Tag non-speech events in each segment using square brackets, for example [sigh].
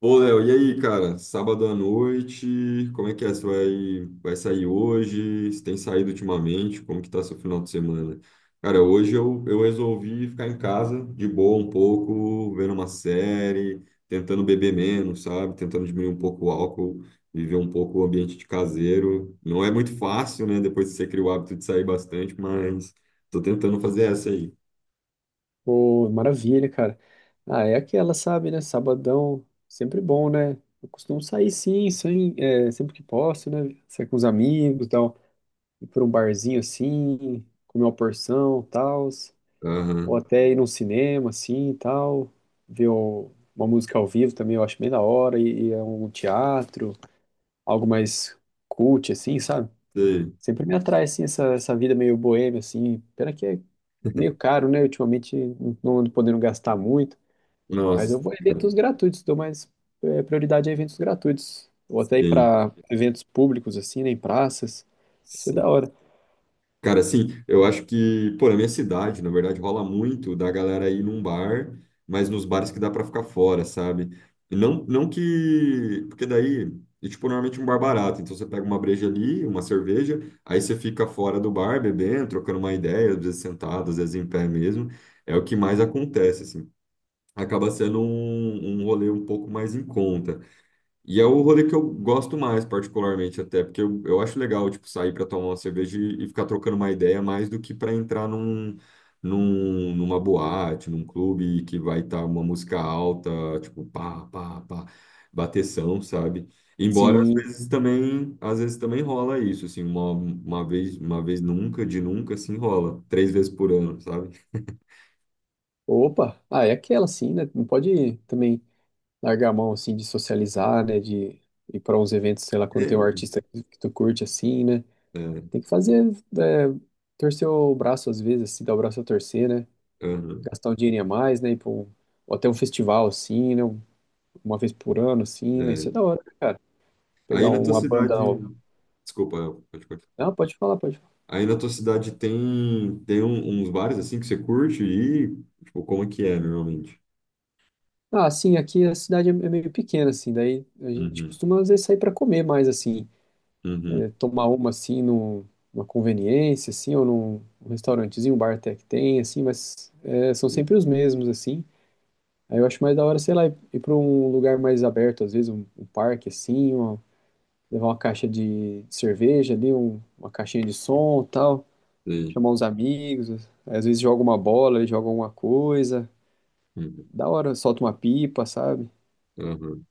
Ô, Léo, e aí, cara? Sábado à noite, como é que é? Você vai sair hoje? Você tem saído ultimamente? Como que tá seu final de semana? Cara, hoje eu resolvi ficar em casa, de boa um pouco, vendo uma série, tentando beber menos, sabe? Tentando diminuir um pouco o álcool, viver um pouco o ambiente de caseiro. Não é muito fácil, né? Depois que você cria o hábito de sair bastante, mas tô tentando fazer essa aí. Pô, maravilha, cara. Ah, é aquela, sabe, né? Sabadão, sempre bom, né? Eu costumo sair sim, sem, é, sempre que posso, né? Sair com os amigos, tal, ir por um barzinho assim, comer uma porção, tal, ou Aham, até ir num cinema assim, tal, ver o- uma música ao vivo também, eu acho bem da hora, e, é um teatro, algo mais cult assim, sabe? sei. Sempre me atrai assim essa vida meio boêmia assim, pena que é meio caro, né? Ultimamente não ando podendo gastar muito. Mas Nossa, eu vou em eventos gratuitos, dou mais é, prioridade a eventos gratuitos. Ou até ir sim. para eventos públicos, assim, né, em praças. Isso é da hora. Cara, assim, eu acho que, pô, na minha cidade, na verdade, rola muito da galera ir num bar, mas nos bares que dá pra ficar fora, sabe? E não, não que. Porque daí, e, tipo, normalmente um bar barato. Então você pega uma breja ali, uma cerveja, aí você fica fora do bar bebendo, trocando uma ideia, às vezes sentado, às vezes em pé mesmo. É o que mais acontece, assim. Acaba sendo um rolê um pouco mais em conta. E é o rolê que eu gosto mais, particularmente, até, porque eu acho legal, tipo, sair para tomar uma cerveja e ficar trocando uma ideia mais do que para entrar numa boate, num clube que vai estar uma música alta, tipo, pá, pá, pá, bateção, sabe? Embora às Sim. vezes também, às vezes também rola isso, assim, uma vez, uma vez nunca, de nunca, assim, rola, 3 vezes por ano, sabe? Opa! Ah, é aquela, sim, né? Não pode também largar a mão, assim, de socializar, né? De ir para uns eventos, sei lá, quando tem um É, artista que tu curte, assim, né? é, Tem que fazer, é, torcer o braço, às vezes, assim, dar o braço a torcer, né? aham, Gastar um dinheirinho a mais, né? Ou até um festival, assim, né? Uma vez por ano, assim, né? é. Isso é da hora, né, cara? Aí Pegar na tua uma banda. cidade, desculpa, pode continuar. Não, pode falar, pode falar. Aí na tua cidade tem, tem, um- uns bares assim que você curte e, tipo, como é que é normalmente? Ah, sim, aqui a cidade é meio pequena, assim, daí a gente Uhum, costuma, às vezes, sair para comer mais, assim, é, uhum, tomar uma, assim, numa conveniência, assim, ou num restaurantezinho, um bar até que tem, assim, mas é, são sempre os mesmos, assim. Aí eu acho mais da hora, sei lá, ir para um lugar mais aberto, às vezes um parque, assim, levar uma caixa de cerveja ali, uma caixinha de som tal, sei, chamar uns amigos, às vezes joga uma bola, joga alguma coisa, uhum, da hora, solta uma pipa, sabe? aham.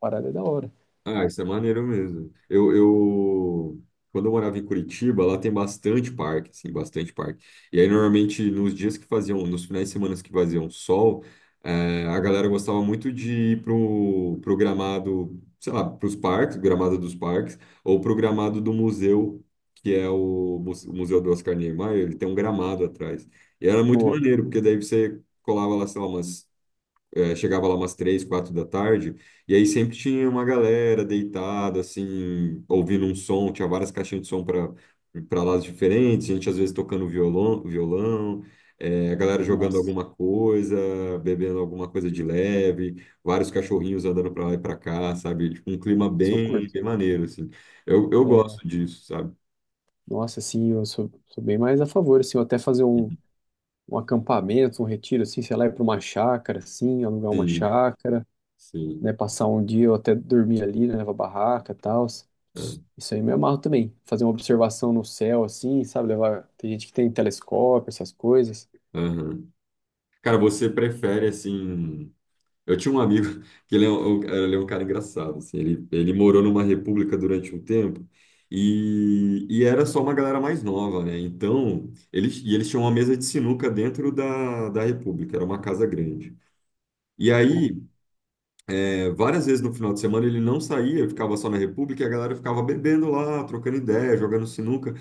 Parada é da hora. Ah, isso é maneiro mesmo. Quando eu morava em Curitiba, lá tem bastante parque, assim, bastante parque. E aí, normalmente, nos dias que faziam, nos finais de semana que faziam sol, a galera gostava muito de ir pro gramado, sei lá, pros parques, gramado dos parques, ou pro gramado do museu, que é o Museu do Oscar Niemeyer, ele tem um gramado atrás. E era muito Boa. maneiro, porque daí você colava lá, sei lá, chegava lá umas três, quatro da tarde, e aí sempre tinha uma galera deitada, assim, ouvindo um som, tinha várias caixinhas de som para lados diferentes, gente às vezes tocando violão, a galera jogando Nossa, alguma coisa, bebendo alguma coisa de leve, vários cachorrinhos andando para lá e para cá, sabe? Tipo, um clima isso eu bem, curto. bem maneiro, assim. Eu É, gosto disso, sabe? nossa, assim, sou bem mais a favor, assim, eu até fazer um acampamento, um retiro, assim, sei lá, ir para uma chácara, assim, alugar uma Sim, chácara, né, sim. passar um dia ou até dormir ali, né, levar barraca e tal. É, Isso aí me amarro também. Fazer uma observação no céu, assim, sabe, levar. Tem gente que tem telescópio, essas coisas. aham. Cara, você prefere assim. Eu tinha um amigo [laughs] que ele é um cara engraçado, assim, ele morou numa república durante um tempo e era só uma galera mais nova, né? Então, eles tinham uma mesa de sinuca dentro da república, era uma casa grande. E Boa. aí, várias vezes no final de semana ele não saía, ficava só na República e a galera ficava bebendo lá, trocando ideia, jogando sinuca.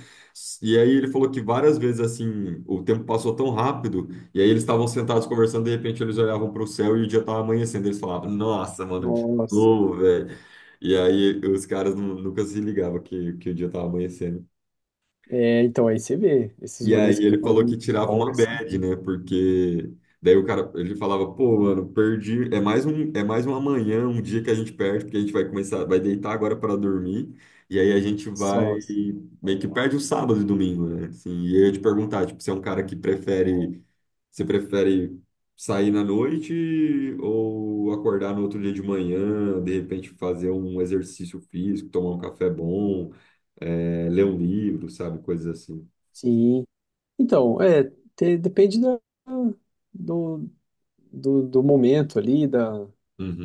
E aí ele falou que várias vezes assim, o tempo passou tão rápido, e aí eles estavam sentados conversando, de repente eles olhavam para o céu e o dia estava amanhecendo. Eles falavam, nossa, mano, de Nossa. novo, velho. E aí os caras nunca se ligavam que o dia estava amanhecendo. É, então, aí você vê, esses E rolês aí que ele eu andei falou que em tirava folga, uma assim, bad, né? Porque daí o cara, ele falava, pô, mano, perdi, é mais um amanhã, um dia que a gente perde, porque a gente vai começar, vai deitar agora para dormir, e aí a gente vai só. meio que perde o sábado e domingo, né? Assim, e eu ia te perguntar, tipo, você é um cara que prefere sair na noite ou acordar no outro dia de manhã, de repente fazer um exercício físico, tomar um café bom, ler um livro, sabe? Coisas assim. Sim, então, é, te- depende da- do, do momento ali, da,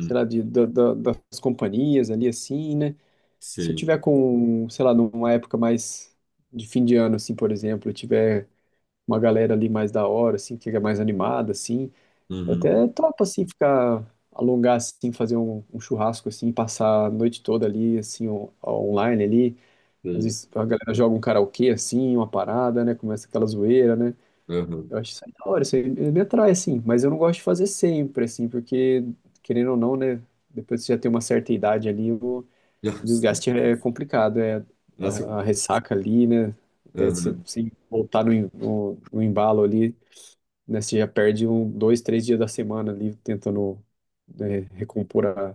sei lá, das companhias ali, assim, né? Se eu Sim. tiver com, sei lá, numa época mais de fim de ano, assim, por exemplo, eu tiver uma galera ali mais da hora, assim, que fica mais animada, assim, eu Uhum. até topo, assim, ficar, alongar, assim, fazer um churrasco, assim, passar a noite toda ali, assim, online ali. Às Sim. vezes a galera joga um karaokê, assim, uma parada, né? Começa aquela zoeira, né? Uhum. Eu acho isso aí da hora, isso aí me atrai, assim, mas eu não gosto de fazer sempre, assim, porque, querendo ou não, né, depois que você já tem uma certa idade ali, o [laughs] Nossa, desgaste é sim. complicado, é Nossa, a ressaca ali, né, até uhum. você voltar no embalo ali, né, você já perde um, dois, três dias da semana ali, tentando, né, recompor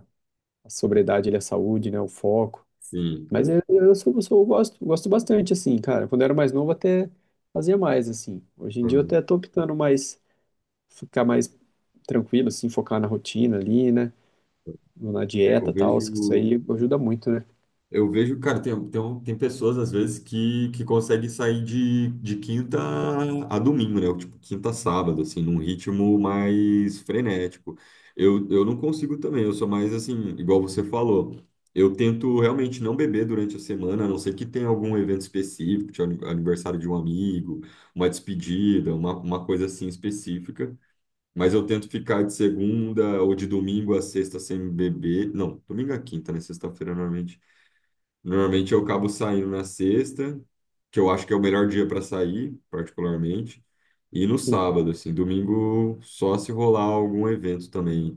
a sobriedade ali, a saúde, né, o foco, Sim, mas cara. Eu gosto, gosto bastante, assim, cara, quando eu era mais novo até fazia mais, assim, hoje em dia eu Uhum. até tô optando mais ficar mais tranquilo, assim, focar na rotina ali, né? Na É, eu dieta e tal, isso vejo. aí ajuda muito, né? Eu vejo, cara, tem pessoas às vezes que conseguem sair de quinta a domingo, né? Tipo, quinta a sábado, assim, num ritmo mais frenético. Eu não consigo também, eu sou mais assim, igual você falou. Eu tento realmente não beber durante a semana, a não ser que tenha algum evento específico, tipo aniversário de um amigo, uma despedida, uma coisa assim específica. Mas eu tento ficar de segunda ou de domingo a sexta sem beber. Não, domingo a quinta, né? Sexta-feira normalmente. Normalmente eu acabo saindo na sexta, que eu acho que é o melhor dia para sair, particularmente, e no Sim, sábado, assim, domingo só se rolar algum evento também.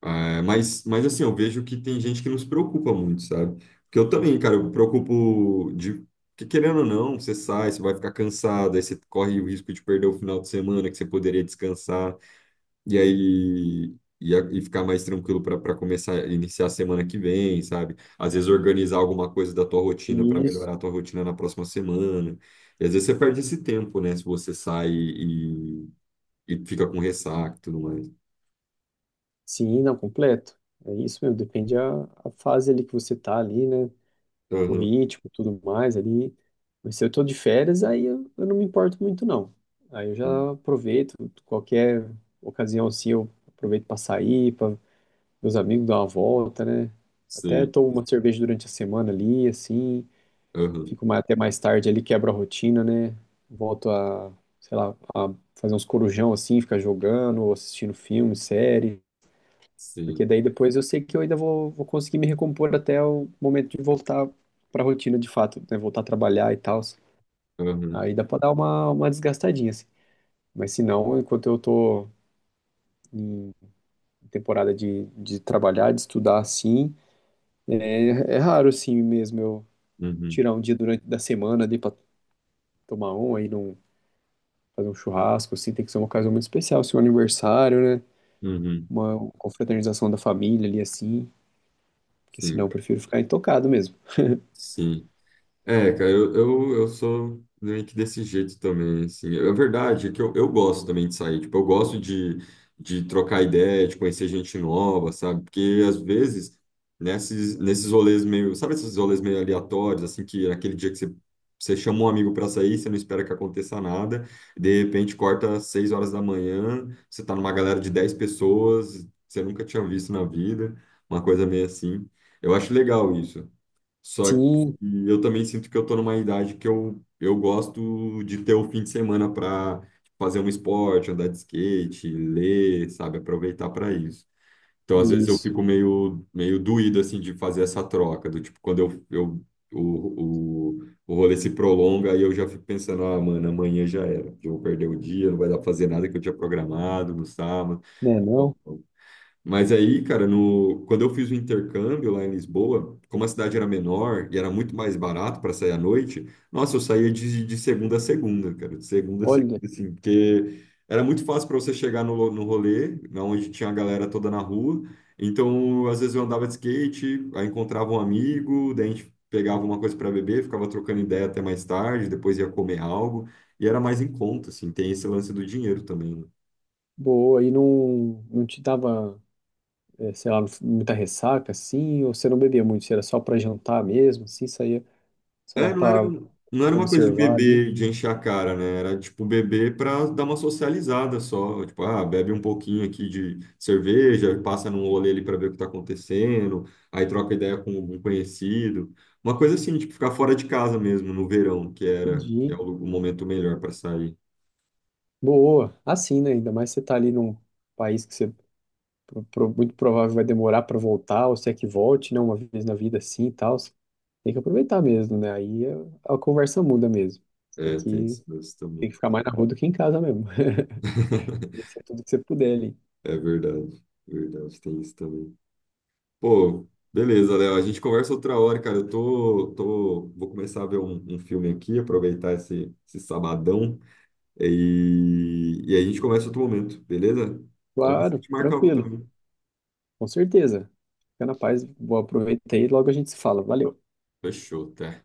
Ah, mas assim, eu vejo que tem gente que não se preocupa muito, sabe? Porque eu também, cara, eu me preocupo de que querendo ou não, você sai, você vai ficar cansado, aí você corre o risco de perder o final de semana que você poderia descansar. E aí. E ficar mais tranquilo para começar, iniciar a semana que vem, sabe? Às vezes organizar alguma coisa da tua rotina para e isso, melhorar a tua rotina na próxima semana. E às vezes você perde esse tempo, né? Se você sai e fica com ressaca e tudo mais. sim, não, completo. É isso mesmo, depende a fase ali que você tá ali, né? O Aham, ritmo, tudo mais ali. Mas se eu tô de férias, aí eu não me importo muito, não. Aí eu sim, já aproveito qualquer ocasião assim, eu aproveito para sair, para meus amigos dar uma volta, né? Até sim, tomo uma cerveja durante a semana ali, assim. aham, Fico até mais tarde ali, quebro a rotina, né? Volto a, sei lá, a fazer uns corujão assim, ficar jogando, ou assistindo filme, série. Porque sim, daí depois eu sei que eu ainda vou conseguir me recompor até o momento de voltar pra rotina de fato, né? Voltar a trabalhar e tal. aham, Aí dá pra dar uma desgastadinha, assim. Mas se não, enquanto eu tô em temporada de trabalhar, de estudar assim, é, é raro assim mesmo eu uhum, tirar um dia durante da semana ali pra tomar um aí não fazer um churrasco, assim, tem que ser uma ocasião muito especial, assim, um aniversário, né? uhum, Uma confraternização da família ali, assim, porque sim, senão eu cara, prefiro ficar intocado mesmo. sim. É, cara, eu sou meio que desse jeito também, assim. A verdade é que eu gosto também de sair, tipo, eu gosto de trocar ideia, de conhecer gente nova, sabe? Porque às vezes, nesses rolês meio, sabe esses rolês meio aleatórios, assim, que naquele dia que você chama um amigo pra sair, você não espera que aconteça nada, de repente corta às 6 horas da manhã, você tá numa galera de 10 pessoas, que você nunca tinha visto na vida, uma coisa meio assim. Eu acho legal isso. Só que Sim, eu também sinto que eu tô numa idade que eu gosto de ter o fim de semana para fazer um esporte, andar de skate, ler, sabe? Aproveitar para isso. Então, às vezes, eu isso. fico meio, meio doído, assim, de fazer essa troca, do tipo, quando o rolê se prolonga, aí eu já fico pensando, ah, mano, amanhã já era, eu vou perder o dia, não vai dar pra fazer nada que eu tinha programado no sábado. Né, não? Mas aí, cara, no, quando eu fiz o intercâmbio lá em Lisboa, como a cidade era menor e era muito mais barato para sair à noite, nossa, eu saía de segunda a segunda, cara, de segunda a Olha, segunda, assim, porque era muito fácil para você chegar no rolê, na onde tinha a galera toda na rua. Então, às vezes eu andava de skate, aí encontrava um amigo, daí a gente pegava uma coisa para beber, ficava trocando ideia até mais tarde, depois ia comer algo, e era mais em conta, assim, tem esse lance do dinheiro também, né? boa, e não, te dava, sei lá, muita ressaca, assim, ou você não bebia muito, você era só pra jantar mesmo, assim, saía só lá É, não era, pra não era uma coisa de observar ali. beber, de encher a cara, né? Era tipo beber para dar uma socializada só. Tipo, ah, bebe um pouquinho aqui de cerveja, passa num rolê ali para ver o que tá acontecendo, aí troca ideia com algum conhecido. Uma coisa assim, tipo, ficar fora de casa mesmo no verão, que era é Entendi. o momento melhor para sair. Boa, assim, né? Ainda mais você tá ali num país que você muito provável vai demorar pra voltar, ou se é que volte, né? Uma vez na vida assim e tal. Tem que aproveitar mesmo, né? Aí a conversa muda mesmo. Você É, tem isso, isso tem que também. ficar mais na rua do que em casa mesmo. [laughs] [laughs] Conhecer tudo que você puder ali. É verdade, verdade, tem isso também. Pô, beleza, Léo. A gente conversa outra hora, cara. Eu vou começar a ver um filme aqui, aproveitar esse sabadão e aí a gente começa outro momento, beleza? Então, a Claro, gente marca algo tranquilo, também. com certeza. Fica na paz, vou aproveitar e logo a gente se fala. Valeu. Fechou, tá?